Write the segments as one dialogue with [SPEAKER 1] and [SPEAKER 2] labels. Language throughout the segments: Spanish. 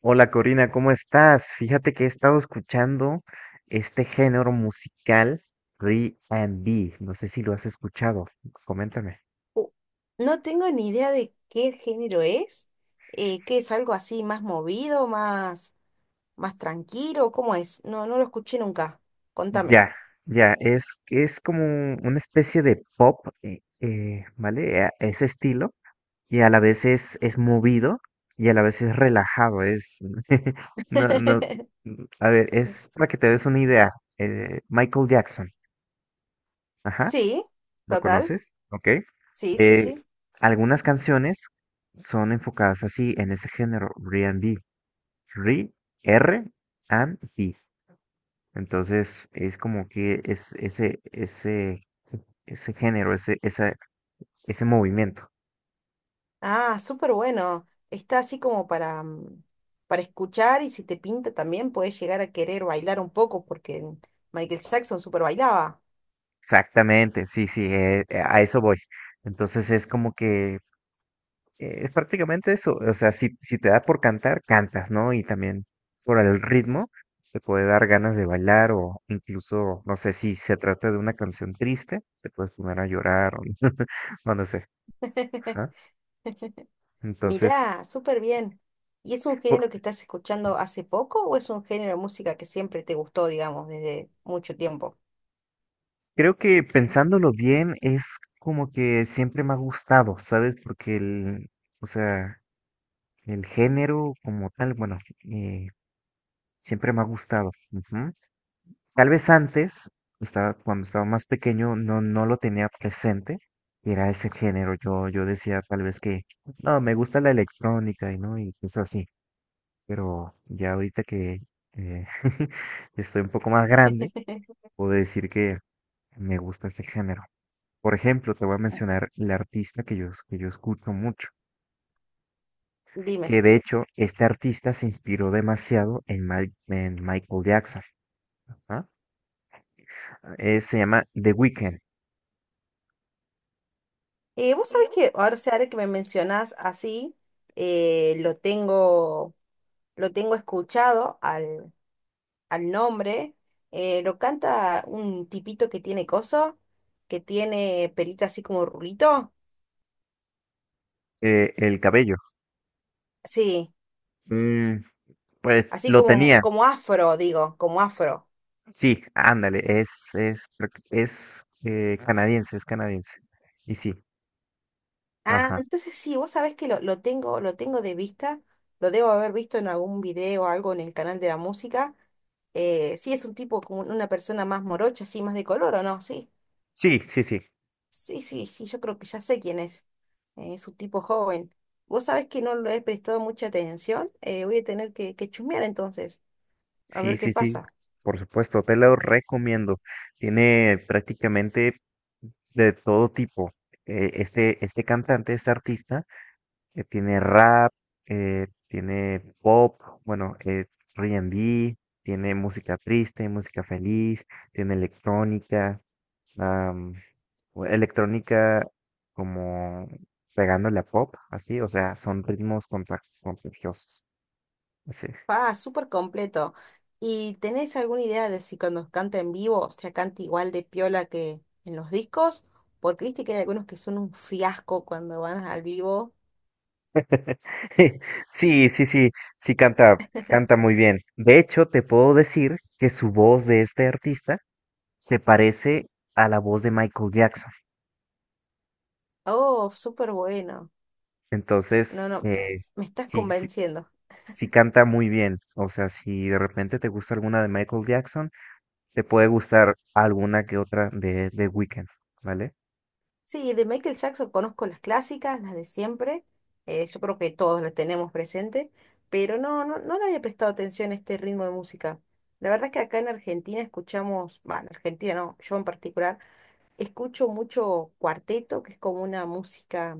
[SPEAKER 1] Hola Corina, ¿cómo estás? Fíjate que he estado escuchando este género musical R&B. No sé si lo has escuchado. Coméntame.
[SPEAKER 2] Uh, No tengo ni idea de qué género es, que es algo así más movido, más tranquilo. ¿Cómo es? No, no lo escuché nunca. Contame.
[SPEAKER 1] Ya, ya, es, como una especie de pop, ¿vale? Ese estilo. Y a la vez es movido y a la vez es relajado. No, no, a ver, es para que te des una idea. Michael Jackson. Ajá.
[SPEAKER 2] Sí,
[SPEAKER 1] ¿Lo
[SPEAKER 2] total.
[SPEAKER 1] conoces? Ok.
[SPEAKER 2] Sí, sí,
[SPEAKER 1] Eh,
[SPEAKER 2] sí.
[SPEAKER 1] Algunas canciones son enfocadas así en ese género, R, R and B. Entonces es como que es ese género, ese movimiento.
[SPEAKER 2] Ah, súper bueno. Está así como para, para escuchar, y si te pinta también puedes llegar a querer bailar un poco porque Michael Jackson súper bailaba.
[SPEAKER 1] Exactamente, sí, sí, a eso voy. Entonces es como que es prácticamente eso. O sea, si te da por cantar, cantas, ¿no? Y también por el ritmo te puede dar ganas de bailar o incluso, no sé, si se trata de una canción triste, te puedes poner a llorar o no, no sé. Ajá. Entonces,
[SPEAKER 2] Mirá, súper bien. ¿Y es un
[SPEAKER 1] por-
[SPEAKER 2] género que estás escuchando hace poco o es un género de música que siempre te gustó, digamos, desde mucho tiempo?
[SPEAKER 1] creo que pensándolo bien es como que siempre me ha gustado, ¿sabes? Porque el, o sea, el género como tal, bueno, eh, siempre me ha gustado. Ujú. Tal vez antes, cuando estaba más pequeño, no, no lo tenía presente. Y era ese género. Yo decía tal vez que no, me gusta la electrónica y no, y cosas así. Pero ya ahorita que eh, estoy un poco más grande, puedo decir que me gusta ese género. Por ejemplo, te voy a
[SPEAKER 2] Mm,
[SPEAKER 1] mencionar la artista que yo escucho mucho,
[SPEAKER 2] Dime.
[SPEAKER 1] que de hecho este artista se inspiró demasiado en Michael Jackson. ¿Ah? Se llama The Weeknd,
[SPEAKER 2] Vos sabés que ahora, o sea, ahora que me mencionás así, eh, lo tengo, lo tengo escuchado al nombre. Lo canta un tipito que tiene coso, que tiene pelito así como rulito.
[SPEAKER 1] el cabello.
[SPEAKER 2] Sí,
[SPEAKER 1] Mm, pues
[SPEAKER 2] así
[SPEAKER 1] lo
[SPEAKER 2] como,
[SPEAKER 1] tenía.
[SPEAKER 2] como afro, digo, como afro.
[SPEAKER 1] Sí, ándale, es, creo que es canadiense, es canadiense. Y sí,
[SPEAKER 2] Ah,
[SPEAKER 1] ajá.
[SPEAKER 2] entonces sí, vos sabés que lo tengo de vista, lo debo haber visto en algún video o algo en el canal de la música. Sí, es un tipo como una persona más morocha, así, más de color, ¿o no? Sí,
[SPEAKER 1] Sí, sí, sí.
[SPEAKER 2] sí, sí, sí, yo creo que ya sé quién es. Es un tipo joven. Vos sabés que no le he prestado mucha atención. Voy a tener que chusmear entonces, a
[SPEAKER 1] Sí,
[SPEAKER 2] ver qué
[SPEAKER 1] sí, sí.
[SPEAKER 2] pasa.
[SPEAKER 1] Por supuesto, te lo recomiendo. Tiene prácticamente de todo tipo. Este cantante, este artista, tiene rap, tiene pop, bueno, R&B, tiene música triste, música feliz, tiene electrónica. O electrónica como pegándole a pop, así, o sea, son ritmos contagiosos. Sí.
[SPEAKER 2] Ah, súper completo. ¿Y tenés alguna idea de si cuando canta en vivo se canta igual de piola que en los discos? Porque viste que hay algunos que son un fiasco cuando van al vivo.
[SPEAKER 1] Sí, sí, sí, sí canta muy bien. De hecho, te puedo decir que su voz de este artista se parece a la voz de Michael Jackson.
[SPEAKER 2] Oh, súper bueno. No,
[SPEAKER 1] Entonces,
[SPEAKER 2] no, me estás
[SPEAKER 1] sí, sí,
[SPEAKER 2] convenciendo.
[SPEAKER 1] sí canta muy bien. O sea, si de repente te gusta alguna de Michael Jackson, te puede gustar alguna que otra de Weekend, ¿vale?
[SPEAKER 2] Sí, de Michael Jackson conozco las clásicas, las de siempre. Yo creo que todos las tenemos presente, pero no, no, no le había prestado atención a este ritmo de música. La verdad es que acá en Argentina escuchamos, bueno, en Argentina no, yo en particular. Escucho mucho cuarteto, que es como una música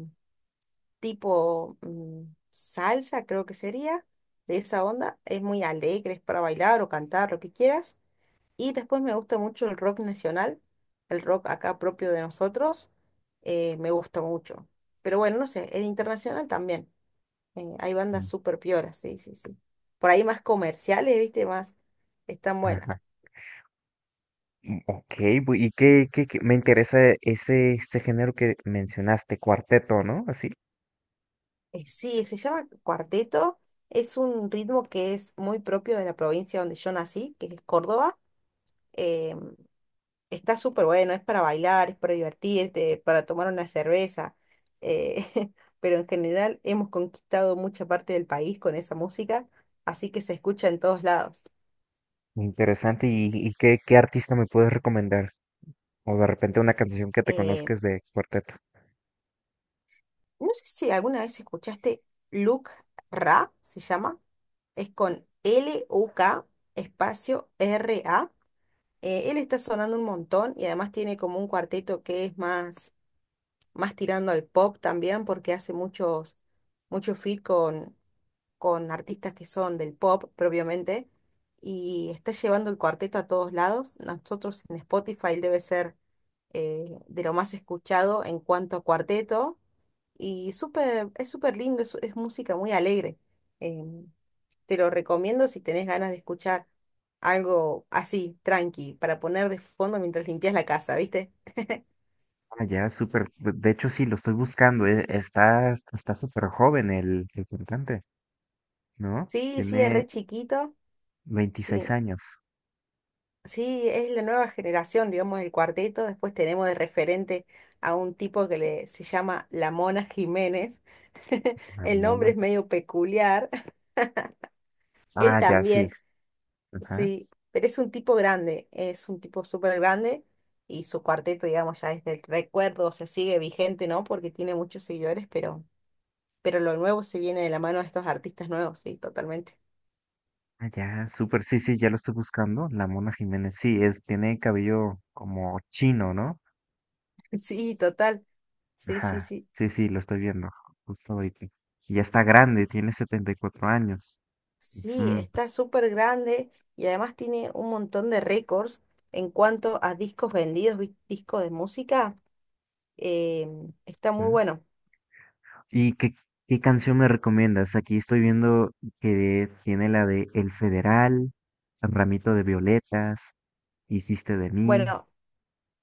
[SPEAKER 2] tipo salsa, creo que sería, de esa onda. Es muy alegre, es para bailar o cantar, lo que quieras. Y después me gusta mucho el rock nacional, el rock acá propio de nosotros. Me gusta mucho. Pero bueno, no sé, el internacional también. Hay bandas
[SPEAKER 1] Mm.
[SPEAKER 2] súper pioras, sí, sí, sí. Por ahí más comerciales, viste, más están buenas.
[SPEAKER 1] Ajá. Mm, Ok, y me interesa ese, ese este género que mencionaste, cuarteto, ¿no? Así,
[SPEAKER 2] Sí, se llama cuarteto. Es un ritmo que es muy propio de la provincia donde yo nací, que es Córdoba. Eh, Está súper bueno, es para bailar, es para divertirte, para tomar una cerveza. eh, pero en general hemos conquistado mucha parte del país con esa música, así que se escucha en todos lados.
[SPEAKER 1] interesante. ¿Y qué artista me puedes recomendar? O de repente una canción que te
[SPEAKER 2] Eh,
[SPEAKER 1] conozcas de cuarteto.
[SPEAKER 2] no sé si alguna vez escuchaste Luke Ra, se llama. Es con Luk Ra. Él está sonando un montón y además tiene como un cuarteto que es más tirando al pop también porque hace muchos feat con artistas que son del pop propiamente y está llevando el cuarteto a todos lados. Nosotros en Spotify debe ser de lo más escuchado en cuanto a cuarteto y súper, es súper lindo, es música muy alegre. Em, Te lo recomiendo si tenés ganas de escuchar algo así, tranqui, para poner de fondo mientras limpias la casa, ¿viste?
[SPEAKER 1] Ah, ya, súper. De hecho, sí, lo estoy buscando. Está súper joven el cantante, ¿no?
[SPEAKER 2] Sí, sí, es re
[SPEAKER 1] Tiene
[SPEAKER 2] chiquito.
[SPEAKER 1] veintiséis
[SPEAKER 2] Sí,
[SPEAKER 1] años.
[SPEAKER 2] sí, es la nueva generación, digamos, del cuarteto. Después tenemos de referente a un tipo que le, se llama La Mona Jiménez.
[SPEAKER 1] La
[SPEAKER 2] El nombre
[SPEAKER 1] Mona.
[SPEAKER 2] es medio peculiar. Él
[SPEAKER 1] Ah, ya, sí.
[SPEAKER 2] también,
[SPEAKER 1] Ajá.
[SPEAKER 2] sí, pero es un tipo grande, es un tipo súper grande y su cuarteto, digamos, ya es del recuerdo, se sigue vigente, ¿no? Porque tiene muchos seguidores, pero lo nuevo se viene de la mano de estos artistas nuevos, sí, totalmente.
[SPEAKER 1] Ah, ya, súper. Sí, sí, ya lo estoy buscando. La Mona Jiménez. Sí, tiene cabello como chino, ¿no?
[SPEAKER 2] Sí, total. Sí, sí,
[SPEAKER 1] Ajá,
[SPEAKER 2] sí.
[SPEAKER 1] sí, sí, lo estoy viendo justo ahorita. Y ya está grande, tiene 74 años.
[SPEAKER 2] Sí,
[SPEAKER 1] Ujú,
[SPEAKER 2] está súper grande y además tiene un montón de récords en cuanto a discos vendidos, discos de música. eh, Está muy
[SPEAKER 1] ujú.
[SPEAKER 2] bueno.
[SPEAKER 1] ¿Y qué canción me recomiendas? Aquí estoy viendo que tiene la de El Federal, Ramito de Violetas, Hiciste de mí.
[SPEAKER 2] Bueno,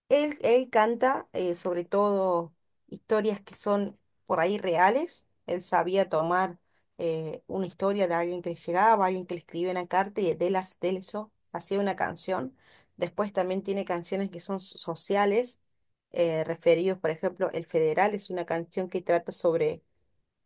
[SPEAKER 2] él canta sobre todo historias que son por ahí reales. Él sabía tomar una historia de alguien que le llegaba, alguien que le escribía una carta y de, las, de eso hacía una canción. Después también tiene canciones que son sociales, referidos. Por ejemplo, El Federal es una canción que trata sobre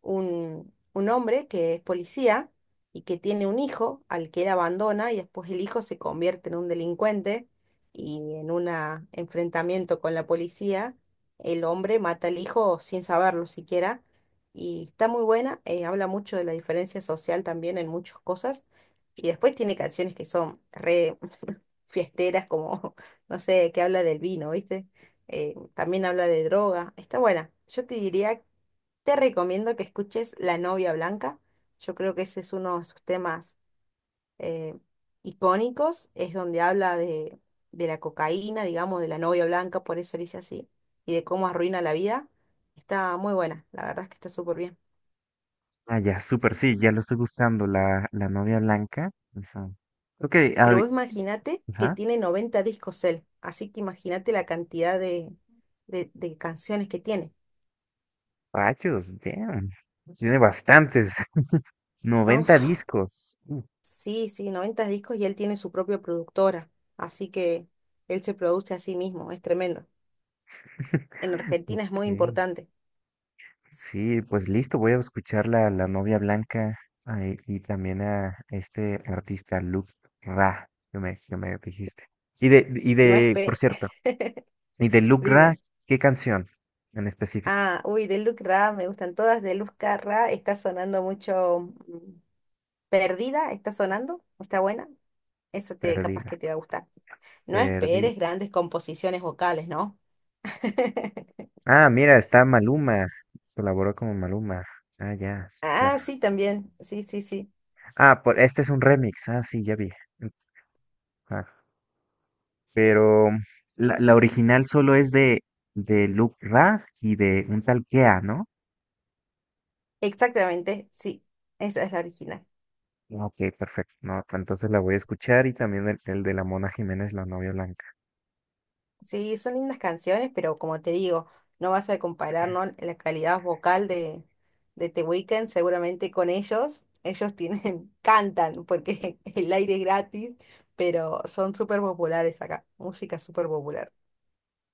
[SPEAKER 2] un hombre que es policía y que tiene un hijo al que él abandona, y después el hijo se convierte en un delincuente, y en un enfrentamiento con la policía el hombre mata al hijo sin saberlo siquiera, y está muy buena. Habla mucho de la diferencia social también en muchas cosas, y después tiene canciones que son re fiesteras como, no sé, que habla del vino, ¿viste? También habla de droga, está buena. Yo te diría, te recomiendo que escuches La novia blanca. Yo creo que ese es uno de sus temas eh, icónicos. Es donde habla de la cocaína, digamos, de la novia blanca, por eso le hice así, y de cómo arruina la vida. Está muy buena, la verdad es que está súper bien.
[SPEAKER 1] Ah, ya, súper, sí, ya lo estoy buscando, la novia blanca. Ujú. Ok,
[SPEAKER 2] Pero vos imagínate que
[SPEAKER 1] ajá.
[SPEAKER 2] tiene 90 discos él, así que imagínate la cantidad de canciones que tiene.
[SPEAKER 1] Rayos, damn. Tiene bastantes, noventa
[SPEAKER 2] Uf,
[SPEAKER 1] discos.
[SPEAKER 2] sí, sí, 90 discos, y él tiene su propia productora, así que él se produce a sí mismo, es tremendo. En Argentina es muy
[SPEAKER 1] Ok.
[SPEAKER 2] importante.
[SPEAKER 1] Sí, pues listo, voy a escuchar la novia blanca ay, y también a este artista Luke Ra, que me dijiste.
[SPEAKER 2] No es
[SPEAKER 1] Por
[SPEAKER 2] pe...
[SPEAKER 1] cierto, y de Luke Ra,
[SPEAKER 2] Dime.
[SPEAKER 1] ¿qué canción en específico?
[SPEAKER 2] Ah, uy, de Luz Ra, me gustan todas. De Luz Ra está sonando mucho. mm, Perdida está sonando, está buena. Eso te, capaz que
[SPEAKER 1] Perdida,
[SPEAKER 2] te va a gustar. No esperes
[SPEAKER 1] perdida.
[SPEAKER 2] grandes composiciones vocales, ¿no?
[SPEAKER 1] Ah, mira, está Maluma, colaboró con Maluma. Ah, ya, super.
[SPEAKER 2] Ah, sí, también. Sí, sí, sí.
[SPEAKER 1] Ah, este es un remix, ah, sí, ya vi. Ah, pero la original solo es de Luke Ra y de un tal Kea, ¿no?
[SPEAKER 2] Exactamente, sí. Esa es la original.
[SPEAKER 1] Ah, Ok, perfecto. No, pues entonces la voy a escuchar y también el de la Mona Jiménez, la novia blanca.
[SPEAKER 2] Sí, son lindas canciones, pero como te digo, no vas a comparar, ¿no? La calidad vocal de The Weeknd seguramente con ellos. Ellos tienen, cantan porque el aire es gratis, pero son súper populares acá. Música súper popular.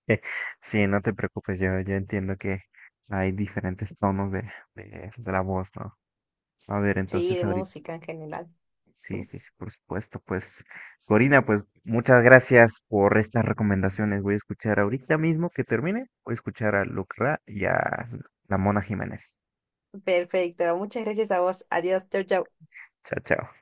[SPEAKER 1] Sí, no te preocupes, yo entiendo que hay diferentes tonos de la voz, ¿no? A ver,
[SPEAKER 2] Sí,
[SPEAKER 1] entonces
[SPEAKER 2] de
[SPEAKER 1] ahorita,
[SPEAKER 2] música en general.
[SPEAKER 1] sí, sí, sí, por supuesto, pues, Corina, pues muchas gracias por estas recomendaciones. Voy a escuchar ahorita mismo que termine, voy a escuchar a Lucra y a la Mona Jiménez.
[SPEAKER 2] Perfecto. Muchas gracias a vos. Adiós. Chau, chau.
[SPEAKER 1] Chao, chao.